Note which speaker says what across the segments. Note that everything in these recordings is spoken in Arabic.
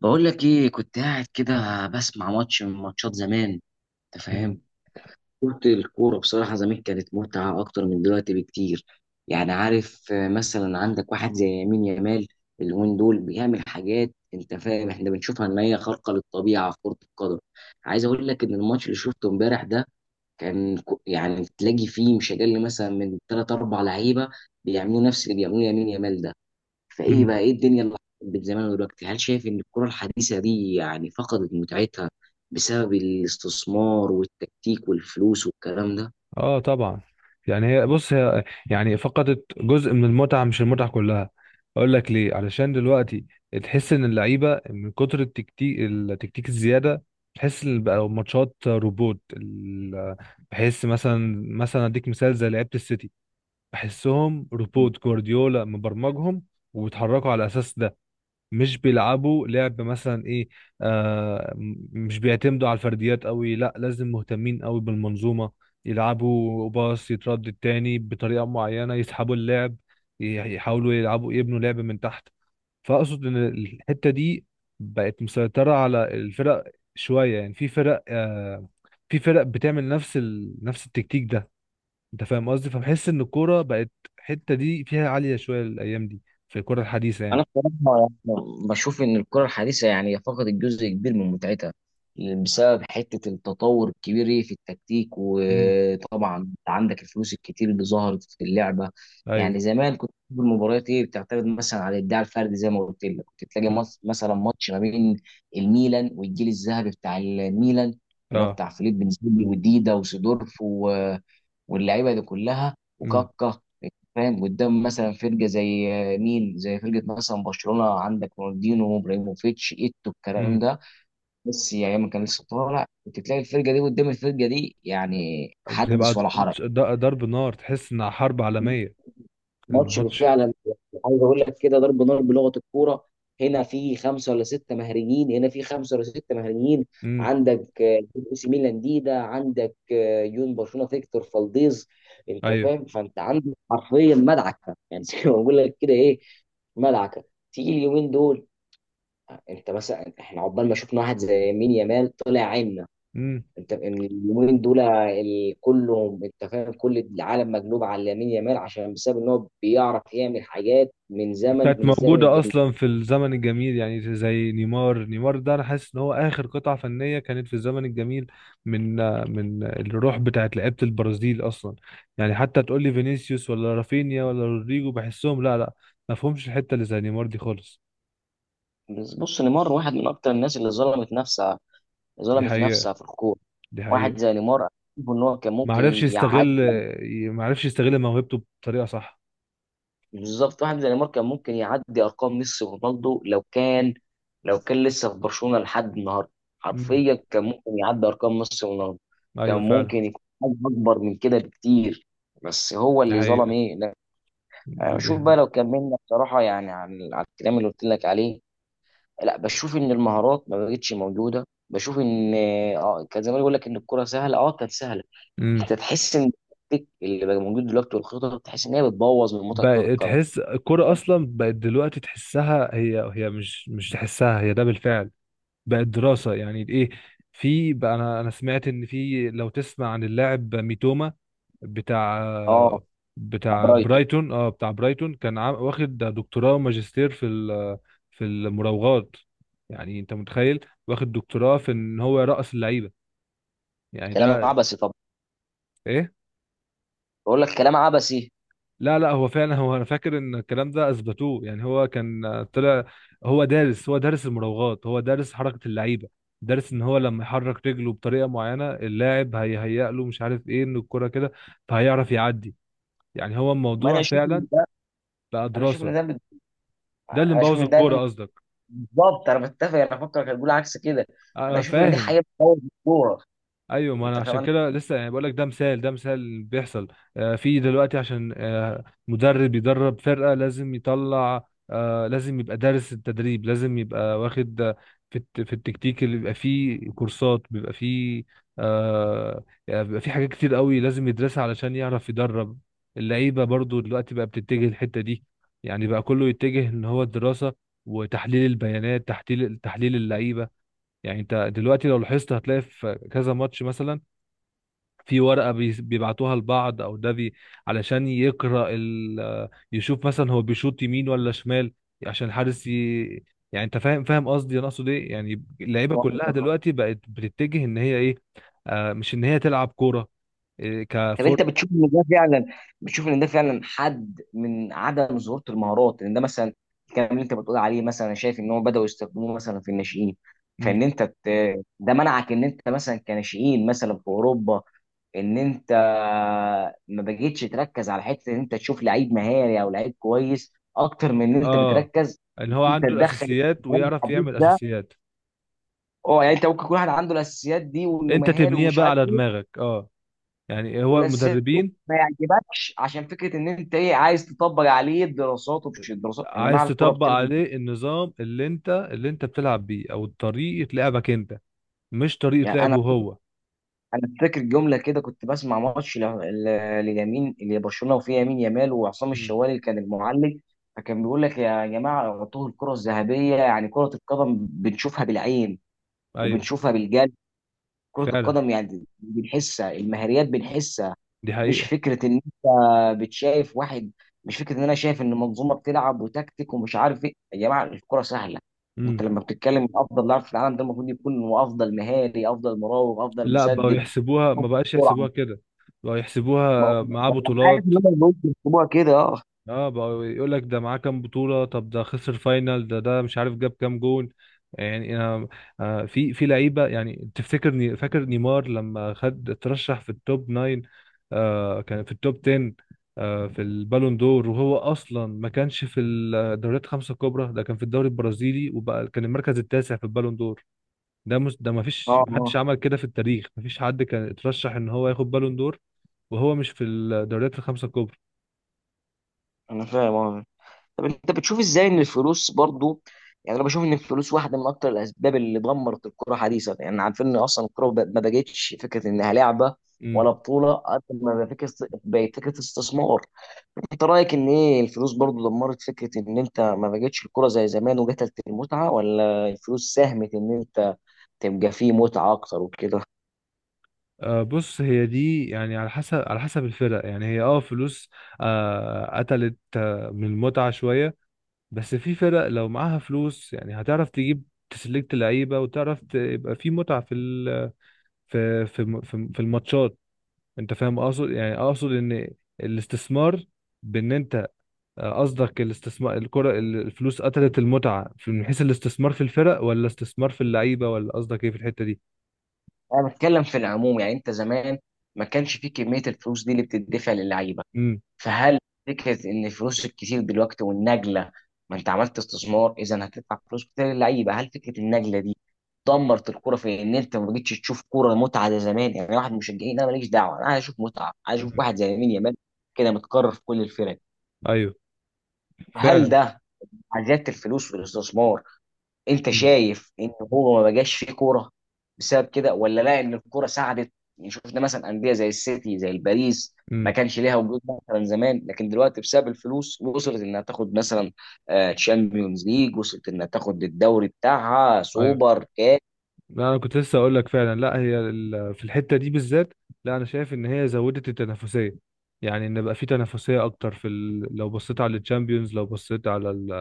Speaker 1: بقول لك ايه، كنت قاعد كده بسمع ماتش من ماتشات زمان. انت فاهم؟
Speaker 2: مم.
Speaker 1: كنت الكوره بصراحه زمان كانت متعه اكتر من دلوقتي بكتير. يعني عارف، مثلا عندك واحد زي يمين يامال اليومين دول بيعمل حاجات، انت فاهم، احنا بنشوفها ان هي خارقه للطبيعه في كره القدم. عايز اقول لك ان الماتش اللي شفته امبارح ده يعني تلاقي فيه مش اقل مثلا من ثلاث اربع لعيبه بيعملوا نفس اللي بيعملوه يمين يامال ده. فايه
Speaker 2: مم.
Speaker 1: بقى ايه الدنيا اللي حصلت زمان ودلوقتي؟ هل شايف ان الكرة الحديثة دي يعني فقدت متعتها بسبب الاستثمار والتكتيك والفلوس والكلام ده؟
Speaker 2: اه طبعا. يعني هي، بص، هي يعني فقدت جزء من المتعه مش المتعه كلها. اقول لك ليه، علشان دلوقتي تحس ان اللعيبه من كتر التكتيك الزياده. تحس ان بقى ماتشات روبوت. بحس مثلا، اديك مثال زي لعيبه السيتي، بحسهم روبوت، جوارديولا مبرمجهم وبيتحركوا على اساس ده. مش بيلعبوا لعب مثلا، ايه، مش بيعتمدوا على الفرديات قوي، لا، لازم مهتمين قوي بالمنظومة. يلعبوا باص، يتردد تاني بطريقة معينة، يسحبوا اللعب، يحاولوا يلعبوا، يبنوا لعب من تحت. فأقصد ان الحتة دي بقت مسيطرة على الفرق شوية. يعني في فرق، في فرق بتعمل نفس نفس التكتيك ده. انت فاهم قصدي؟ فبحس ان الكورة بقت الحتة دي فيها عالية شوية الأيام دي، في الكرة الحديثة يعني.
Speaker 1: انا بصراحه بشوف ان الكره الحديثه يعني فقدت جزء كبير من متعتها بسبب حته التطور الكبير إيه في التكتيك،
Speaker 2: امم.
Speaker 1: وطبعا انت عندك الفلوس الكتير اللي ظهرت في اللعبه.
Speaker 2: ايوه.
Speaker 1: يعني زمان كنت تشوف المباريات ايه بتعتمد مثلا على الاداء الفردي، زي ما قلت لك كنت تلاقي مثلا ماتش ما بين الميلان والجيل الذهبي بتاع الميلان، اللي هو
Speaker 2: اه.
Speaker 1: بتاع فيليب بنزيلي وديدا وسيدورف واللعيبه دي كلها
Speaker 2: امم.
Speaker 1: وكاكا، فاهم، قدام مثلا فرقه زي مين، زي فرقه مثلا برشلونه، عندك رونالدينو ابراهيموفيتش ايتو الكلام
Speaker 2: امم.
Speaker 1: ده. بس يعني ما كان لسه طالع، كنت تلاقي الفرقه دي قدام الفرقه دي يعني
Speaker 2: بتبقى
Speaker 1: حدث ولا حرج.
Speaker 2: ماتش ضرب نار، تحس انها حرب عالمية.
Speaker 1: ماتش
Speaker 2: الماتش.
Speaker 1: فعلا، عايز اقول لك كده ضرب نار بلغه الكوره. هنا في خمسه ولا سته مهريين، هنا في خمسه ولا سته مهريين.
Speaker 2: امم.
Speaker 1: عندك اي سي ميلان ديدا، عندك يون برشلونه فيكتور فالديز. انت
Speaker 2: ايوه.
Speaker 1: فاهم، فانت عندك حرفيا مدعكه يعني زي ما بقول لك كده، ايه، مدعكه. تيجي اليومين دول انت مثلا، احنا عقبال ما شفنا واحد زي مين يامال طلع عنا.
Speaker 2: امم.
Speaker 1: انت إن اليومين دول كلهم، انت فاهم، كل العالم مقلوب على لامين يامال عشان بسبب ان هو بيعرف يعمل حاجات من زمن،
Speaker 2: كانت
Speaker 1: من الزمن
Speaker 2: موجودة
Speaker 1: الجميل.
Speaker 2: اصلا في الزمن الجميل، يعني زي نيمار. نيمار ده انا حاسس ان هو اخر قطعة فنية كانت في الزمن الجميل، من من الروح بتاعت لعيبة البرازيل اصلا. يعني حتى تقول لي فينيسيوس ولا رافينيا ولا رودريجو، بحسهم لا، لا ما فهمش الحتة اللي زي نيمار دي خالص.
Speaker 1: بس بص، نيمار واحد من اكتر الناس اللي ظلمت نفسها،
Speaker 2: دي
Speaker 1: ظلمت
Speaker 2: حقيقة.
Speaker 1: نفسها في الكوره.
Speaker 2: دي
Speaker 1: واحد
Speaker 2: حقيقة.
Speaker 1: زي نيمار، أنا شايف ان هو كان
Speaker 2: ما
Speaker 1: ممكن
Speaker 2: عرفش يستغل.
Speaker 1: يعدي.
Speaker 2: ما عرفش يستغل موهبته بطريقة صح.
Speaker 1: بالظبط، واحد زي نيمار كان ممكن يعدي ارقام ميسي ورونالدو لو كان، لو كان لسه في برشلونه لحد النهارده.
Speaker 2: امم.
Speaker 1: حرفيا كان ممكن يعدي ارقام ميسي ورونالدو. كان
Speaker 2: ايوه فعلا.
Speaker 1: ممكن يكون حاجه اكبر من كده بكتير، بس هو
Speaker 2: دي
Speaker 1: اللي ظلم
Speaker 2: حقيقة.
Speaker 1: ايه، لا. أنا بشوف بقى، لو كملنا بصراحه يعني عن على الكلام اللي قلت لك عليه، لا بشوف ان المهارات ما بقتش موجوده، بشوف ان كان زمان يقول لك ان الكره سهله، اه كانت سهله.
Speaker 2: امم.
Speaker 1: انت تحس ان التكتيك اللي بقى موجود دلوقتي والخطط، تحس ان هي بتبوظ من متعه كره
Speaker 2: بقى
Speaker 1: القدم.
Speaker 2: تحس الكرة اصلا بقت دلوقتي، تحسها هي هي مش تحسها، هي ده بالفعل. بقت دراسة يعني، ايه. في بقى، انا سمعت ان في، لو تسمع عن اللاعب ميتوما بتاع،
Speaker 1: اه، مع برايتون.
Speaker 2: برايتون. اه، بتاع برايتون، كان واخد دكتوراه وماجستير في في المراوغات. يعني انت متخيل واخد دكتوراه في ان هو يرقص اللعيبة؟ يعني
Speaker 1: كلام
Speaker 2: ده
Speaker 1: عبثي طبعا.
Speaker 2: ايه؟
Speaker 1: بقول لك كلام عبثي.
Speaker 2: لا، هو فعلا، انا فاكر ان الكلام ده اثبتوه. يعني هو كان، طلع هو دارس، دارس المراوغات، دارس حركه اللعيبه. دارس ان هو لما يحرك رجله بطريقه معينه اللاعب هيهيأ له مش عارف ايه ان الكره كده، فهيعرف يعدي. يعني هو
Speaker 1: ما انا
Speaker 2: الموضوع
Speaker 1: اشوف
Speaker 2: فعلا
Speaker 1: ان ده،
Speaker 2: بقى
Speaker 1: انا اشوف ان
Speaker 2: دراسه.
Speaker 1: ده بت-
Speaker 2: ده اللي
Speaker 1: انا اشوف
Speaker 2: مبوظ
Speaker 1: ان
Speaker 2: الكوره
Speaker 1: ده.
Speaker 2: قصدك؟
Speaker 1: بالظبط، انا بتفق، انا فكرك هتقول عكس كده. انا
Speaker 2: انا
Speaker 1: اشوف ان دي
Speaker 2: فاهم.
Speaker 1: حقيقه. كوره،
Speaker 2: ايوه، ما انا
Speaker 1: انت فاهم
Speaker 2: عشان
Speaker 1: انا،
Speaker 2: كده لسه يعني بقول لك، ده مثال، اللي بيحصل في دلوقتي. عشان مدرب يدرب فرقه لازم يطلع، لازم يبقى دارس التدريب، لازم يبقى واخد في في التكتيك، اللي بيبقى فيه كورسات، بيبقى فيه، يعني بيبقى فيه حاجات كتير قوي لازم يدرسها علشان يعرف يدرب. اللعيبه برضو دلوقتي بقى بتتجه الحته دي. يعني بقى كله يتجه ان هو الدراسه وتحليل البيانات، تحليل اللعيبه. يعني انت دلوقتي لو لاحظت هتلاقي في كذا ماتش مثلا في ورقة بيبعتوها لبعض، او ده بي، علشان يقرأ ال يشوف مثلا هو بيشوط يمين ولا شمال، عشان الحارس ي... يعني انت فاهم، قصدي. انا اقصد ايه يعني؟
Speaker 1: شايف
Speaker 2: اللعيبة
Speaker 1: مؤامرة
Speaker 2: كلها
Speaker 1: رقابة.
Speaker 2: دلوقتي بقت بتتجه ان هي ايه، آه، مش ان هي تلعب كورة. إيه
Speaker 1: طب
Speaker 2: كفور.
Speaker 1: انت بتشوف ان ده فعلا، بتشوف ان ده فعلا حد من عدم ظهور المهارات؟ ان ده مثلا الكلام اللي انت بتقول عليه، مثلا انا شايف ان هم بداوا يستخدموه مثلا في الناشئين.
Speaker 2: مم.
Speaker 1: فان ده منعك ان انت مثلا كناشئين مثلا في اوروبا، ان انت ما بقيتش تركز على حته ان انت تشوف لعيب مهاري او لعيب كويس اكتر من ان انت
Speaker 2: اه،
Speaker 1: بتركز
Speaker 2: ان
Speaker 1: ان
Speaker 2: هو
Speaker 1: انت
Speaker 2: عنده
Speaker 1: تدخل
Speaker 2: الاساسيات
Speaker 1: الكلام
Speaker 2: ويعرف
Speaker 1: الحديث
Speaker 2: يعمل
Speaker 1: ده.
Speaker 2: اساسيات،
Speaker 1: اه، يعني انت ممكن يكون واحد عنده الاساسيات دي وانه
Speaker 2: انت
Speaker 1: مهاري
Speaker 2: تبنيها
Speaker 1: ومش
Speaker 2: بقى
Speaker 1: عارف
Speaker 2: على
Speaker 1: ايه،
Speaker 2: دماغك. اه، يعني هو
Speaker 1: والاساسيات دي
Speaker 2: المدربين
Speaker 1: ما يعجبكش عشان فكره ان انت ايه عايز تطبق عليه الدراسات، ومش الدراسات يا
Speaker 2: عايز
Speaker 1: جماعه، الكوره
Speaker 2: تطبق
Speaker 1: بتلعب.
Speaker 2: عليه النظام اللي انت بتلعب بيه، او طريقة لعبك انت، مش طريقة
Speaker 1: يعني انا،
Speaker 2: لعبه هو.
Speaker 1: انا فاكر جمله كده، كنت بسمع ماتش لليمين اللي برشلونه وفيه يمين يامال وعصام
Speaker 2: امم.
Speaker 1: الشوالي كان المعلق. فكان بيقول لك يا جماعه اعطوه الكره الذهبيه، يعني كره القدم بنشوفها بالعين
Speaker 2: ايوه
Speaker 1: وبنشوفها بالجلد. كره
Speaker 2: فعلا.
Speaker 1: القدم يعني بنحسها، المهاريات بنحسها.
Speaker 2: دي
Speaker 1: مش
Speaker 2: حقيقة.
Speaker 1: فكره ان انت بتشايف واحد، مش فكره ان انا شايف ان منظومه بتلعب وتكتيك ومش عارف ايه، يا جماعه الكره سهله. انت
Speaker 2: امم.
Speaker 1: لما بتتكلم من افضل لاعب في العالم، ده المفروض يكون هو افضل مهاري، افضل مراوغ، افضل
Speaker 2: لا بقوا يحسبوها، ما
Speaker 1: مسدد.
Speaker 2: بقاش يحسبوها كده، بقوا يحسبوها،
Speaker 1: ما هو ما
Speaker 2: معاه
Speaker 1: هو انا عارف
Speaker 2: بطولات.
Speaker 1: ان هم البنوك بيكتبوها كده، اه.
Speaker 2: اه بقى يقول لك ده معاه كام بطولة، طب ده خسر فاينل، ده، مش عارف جاب كام جون. يعني انا، في لعيبة يعني، تفتكر، فاكر نيمار لما خد اترشح في التوب 9، آه كان في التوب 10، آه في البالون دور، وهو اصلا ما كانش في الدوريات الخمسة الكبرى، ده كان في الدوري البرازيلي، وبقى كان المركز التاسع في البالون دور. ده مس، ده ما فيش
Speaker 1: اه
Speaker 2: محدش
Speaker 1: اه
Speaker 2: عمل كده في التاريخ، ما فيش حد كان اترشح ان هو ياخد بالون دور وهو مش في الدوريات الخمسة الكبرى.
Speaker 1: انا فاهم اه. طب انت بتشوف ازاي ان الفلوس برضو؟ يعني انا بشوف ان الفلوس واحده من اكتر الاسباب اللي دمرت الكره حديثا. يعني عارفين ان اصلا الكره ما بقتش فكره انها لعبه ولا
Speaker 2: امم.
Speaker 1: بطوله، قد ما بقت فكره، بقت فكره استثمار. انت رايك ان ايه، الفلوس برضو دمرت فكره ان انت ما بقتش الكره زي زمان وقتلت المتعه، ولا الفلوس ساهمت ان انت تبقى فيه متعه اكتر وكده؟
Speaker 2: بص، هي دي يعني على حسب، الفرق. يعني هي اه فلوس، قتلت، من المتعة شوية. بس في فرق لو معاها فلوس يعني هتعرف تجيب تسلكت لعيبة وتعرف يبقى في متعة في في في الماتشات. انت فاهم اقصد يعني، اقصد ان الاستثمار، بان انت، قصدك الاستثمار الكرة الفلوس قتلت المتعة في، من حيث الاستثمار في الفرق ولا استثمار في اللعيبة، ولا قصدك ايه في الحتة دي؟
Speaker 1: انا بتكلم في العموم. يعني انت زمان ما كانش في كميه الفلوس دي اللي بتدفع للعيبه.
Speaker 2: امم.
Speaker 1: فهل فكره ان الفلوس الكتير دلوقتي والنجله، ما انت عملت استثمار اذا هتدفع فلوس كتير للعيبه، هل فكره النجله دي دمرت الكوره في ان انت ما بقتش تشوف كوره متعه زي زمان؟ يعني واحد من المشجعين انا ماليش دعوه، انا عايز اشوف متعه، عايز اشوف واحد زي مين يامال كده، متكرر في كل الفرق.
Speaker 2: ايوه
Speaker 1: هل
Speaker 2: فعلا.
Speaker 1: ده مع زياده الفلوس والاستثمار، انت
Speaker 2: امم.
Speaker 1: شايف ان هو ما بقاش فيه كوره بسبب كده، ولا لا، ان الكوره ساعدت؟ يعني شفنا مثلا انديه زي السيتي، زي الباريس، ما
Speaker 2: امم،
Speaker 1: كانش ليها وجود مثلا زمان، لكن دلوقتي بسبب الفلوس وصلت انها تاخد مثلا تشامبيونز ليج، وصلت انها تاخد الدوري بتاعها
Speaker 2: ايوه.
Speaker 1: سوبر كاس.
Speaker 2: لا، انا كنت لسه اقول لك، فعلا لا هي في الحته دي بالذات، لا انا شايف ان هي زودت التنافسيه. يعني ان بقى في تنافسيه اكتر في لو بصيت على الشامبيونز، لو بصيت على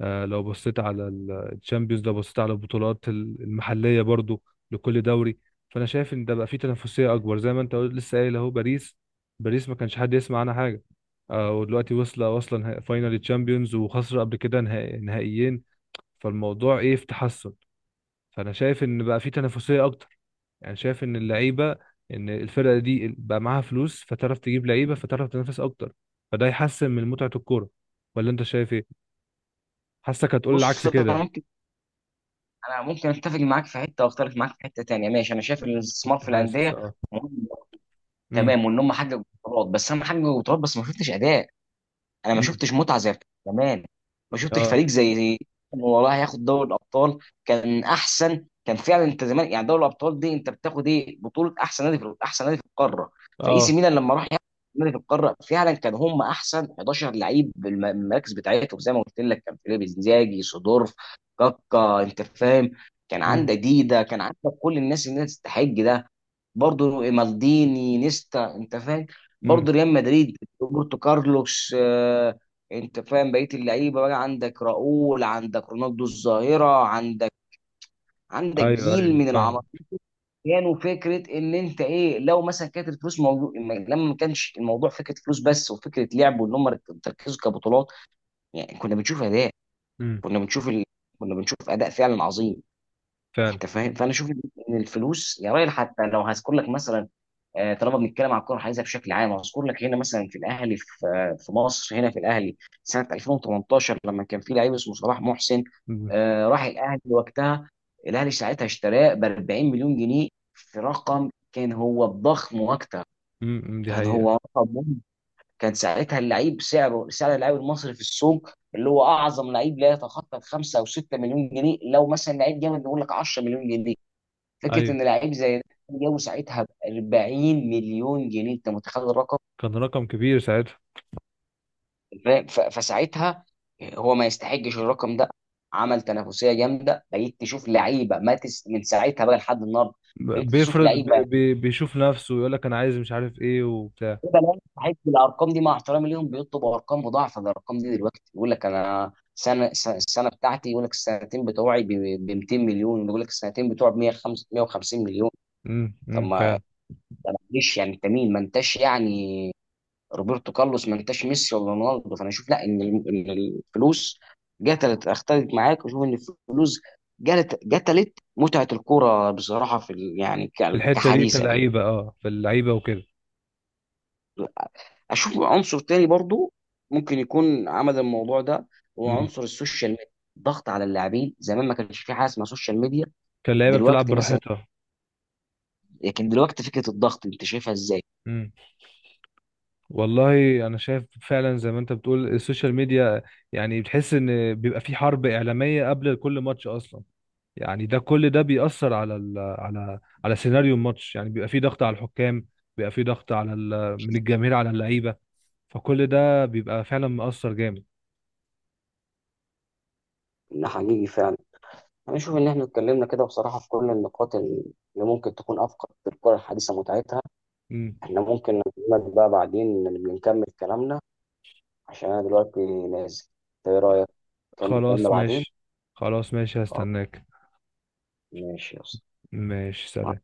Speaker 2: لو بصيت على الشامبيونز، لو بصيت على البطولات المحليه برضو، لكل دوري. فانا شايف ان ده بقى في تنافسيه اكبر. زي ما انت قلت، لسه قايل اهو باريس. باريس ما كانش حد يسمع عنها حاجه، ودلوقتي واصله، نهائي فاينال تشامبيونز، وخسر قبل كده نهائي، نهائيين. فالموضوع ايه، في تحسن. فانا شايف ان بقى في تنافسيه اكتر، يعني شايف ان اللعيبه، ان الفرقه دي بقى معاها فلوس فتعرف تجيب لعيبه فتعرف تنافس اكتر، فده يحسن من متعه الكوره. ولا انت شايف ايه؟ حاسك هتقول العكس
Speaker 1: بص، انا
Speaker 2: كده.
Speaker 1: ممكن، انا ممكن اتفق معاك في حته واختلف معاك في حته تانيه. ماشي، انا شايف ان الاستثمار
Speaker 2: كنت
Speaker 1: في
Speaker 2: حاسس
Speaker 1: الانديه
Speaker 2: اه.
Speaker 1: مهم،
Speaker 2: امم.
Speaker 1: تمام، وان هم حققوا بطولات، بس انا حققوا بطولات بس ما شفتش اداء. انا ما
Speaker 2: امم.
Speaker 1: شفتش متعه زي بتاعت زمان. ما شفتش
Speaker 2: اه.
Speaker 1: فريق زي إنه والله هياخد دوري الابطال، كان احسن. كان فعلا انت زمان يعني دوري الابطال دي انت بتاخد ايه، بطوله احسن نادي في، احسن نادي في القاره. فاي سي
Speaker 2: اه.
Speaker 1: ميلان لما راح ياخد نادي في القاره، فعلا كان هم احسن 11 لعيب المراكز بتاعتهم. زي ما قلت لك كان فيليب انزاجي، سيدورف، كاكا، انت فاهم. كان
Speaker 2: امم.
Speaker 1: عندك ديدا، كان عندك كل الناس اللي هي تستحق ده. برضه مالديني، نيستا، انت فاهم.
Speaker 2: امم.
Speaker 1: برضه ريال مدريد، روبرتو كارلوس، انت فاهم، بقيه اللعيبه، بقى عندك راؤول، عندك رونالدو الظاهره، عندك، عندك
Speaker 2: ايوه
Speaker 1: جيل
Speaker 2: ايوه
Speaker 1: من
Speaker 2: فاهم.
Speaker 1: العمالقه. كانوا فكره ان انت ايه، لو مثلا كانت الفلوس موضوع، لما ما كانش الموضوع فكره فلوس بس وفكره لعب وان هم تركزوا كبطولات، يعني كنا بنشوف اداء.
Speaker 2: امم.
Speaker 1: كنا بنشوف ال... كنا بنشوف اداء فعلا عظيم.
Speaker 2: فعلا.
Speaker 1: انت فاهم، فانا اشوف ان الفلوس يا راجل، حتى لو هذكر لك مثلا، طالما بنتكلم على الكره الحديثه بشكل عام، هذكر لك هنا مثلا في الاهلي، في في مصر هنا في الاهلي سنه 2018 لما كان في لعيب اسمه صلاح محسن.
Speaker 2: امم.
Speaker 1: راح الاهلي وقتها، الاهلي ساعتها اشتراه ب 40 مليون جنيه. في رقم كان هو ضخم وقتها،
Speaker 2: امم، إمم، دي
Speaker 1: كان
Speaker 2: حقيقه.
Speaker 1: هو رقم مهم. كان ساعتها اللعيب سعره، سعر اللاعب المصري في السوق اللي هو اعظم لعيب لا يتخطى 5 او 6 مليون جنيه، لو مثلا لعيب جامد نقول لك 10 مليون جنيه. فكره
Speaker 2: ايوه،
Speaker 1: ان لعيب زي ده جابه ساعتها ب 40 مليون جنيه، انت متخيل الرقم؟
Speaker 2: كان رقم كبير ساعتها.
Speaker 1: فاهم؟ فساعتها هو ما يستحقش الرقم ده. عمل تنافسيه جامده، بقيت تشوف لعيبه ما تس... من ساعتها بقى لحد النهارده، بقيت تشوف لعيبه يعني
Speaker 2: بيشوف نفسه ويقول لك انا عايز مش عارف ايه وبتاع.
Speaker 1: لعيبة لا تستحق الارقام دي، مع احترامي ليهم، بيطلبوا ارقام مضاعفه للارقام دي دلوقتي. يقول لك انا سنه السنه بتاعتي، يقول لك السنتين بتوعي ب 200 مليون، يقول لك السنتين بتوعي ب 150 مليون.
Speaker 2: امم.
Speaker 1: طب ما
Speaker 2: فعلا.
Speaker 1: ليش يعني، انت مين؟ ما انتش يعني روبرتو كارلوس، ما انتش ميسي ولا رونالدو. فانا اشوف، لا ان الفلوس قتلت. اختلف معاك واشوف ان الفلوس قتلت متعه الكوره بصراحه في يعني
Speaker 2: في الحته دي
Speaker 1: كحديثا يعني.
Speaker 2: كلاعيبه، اه في اللعيبه وكده.
Speaker 1: اشوف عنصر تاني برضو ممكن يكون عمل الموضوع ده، هو
Speaker 2: إمم.
Speaker 1: عنصر السوشيال ميديا، الضغط على اللاعبين. زمان ما كانش في حاجه اسمها سوشيال ميديا.
Speaker 2: كان اللعيبه بتلعب
Speaker 1: دلوقتي مثلا،
Speaker 2: براحتها.
Speaker 1: لكن دلوقتي فكره الضغط انت شايفها ازاي؟
Speaker 2: امم. والله، انا شايف فعلا زي ما انت بتقول السوشيال ميديا. يعني بتحس ان بيبقى في حرب اعلاميه قبل كل ماتش اصلا، يعني ده كل ده بيأثر على على سيناريو الماتش. يعني بيبقى في ضغط على الحكام، بيبقى في ضغط على ال من الجماهير على اللعيبه. فكل ده بيبقى فعلا مؤثر جامد.
Speaker 1: ده حقيقي فعلا. انا اشوف ان احنا اتكلمنا كده بصراحه في كل النقاط اللي ممكن تكون افقد في الكره الحديثه متعتها.
Speaker 2: امم.
Speaker 1: احنا ممكن نكمل بقى بعدين، نكمل كلامنا عشان انا دلوقتي نازل. إنت ايه رايك، نكمل كلامنا
Speaker 2: خلاص
Speaker 1: بعدين؟
Speaker 2: ماشي. خلاص ماشي،
Speaker 1: خلاص،
Speaker 2: هستناك.
Speaker 1: ماشي يا اسطى.
Speaker 2: ماشي، سلام.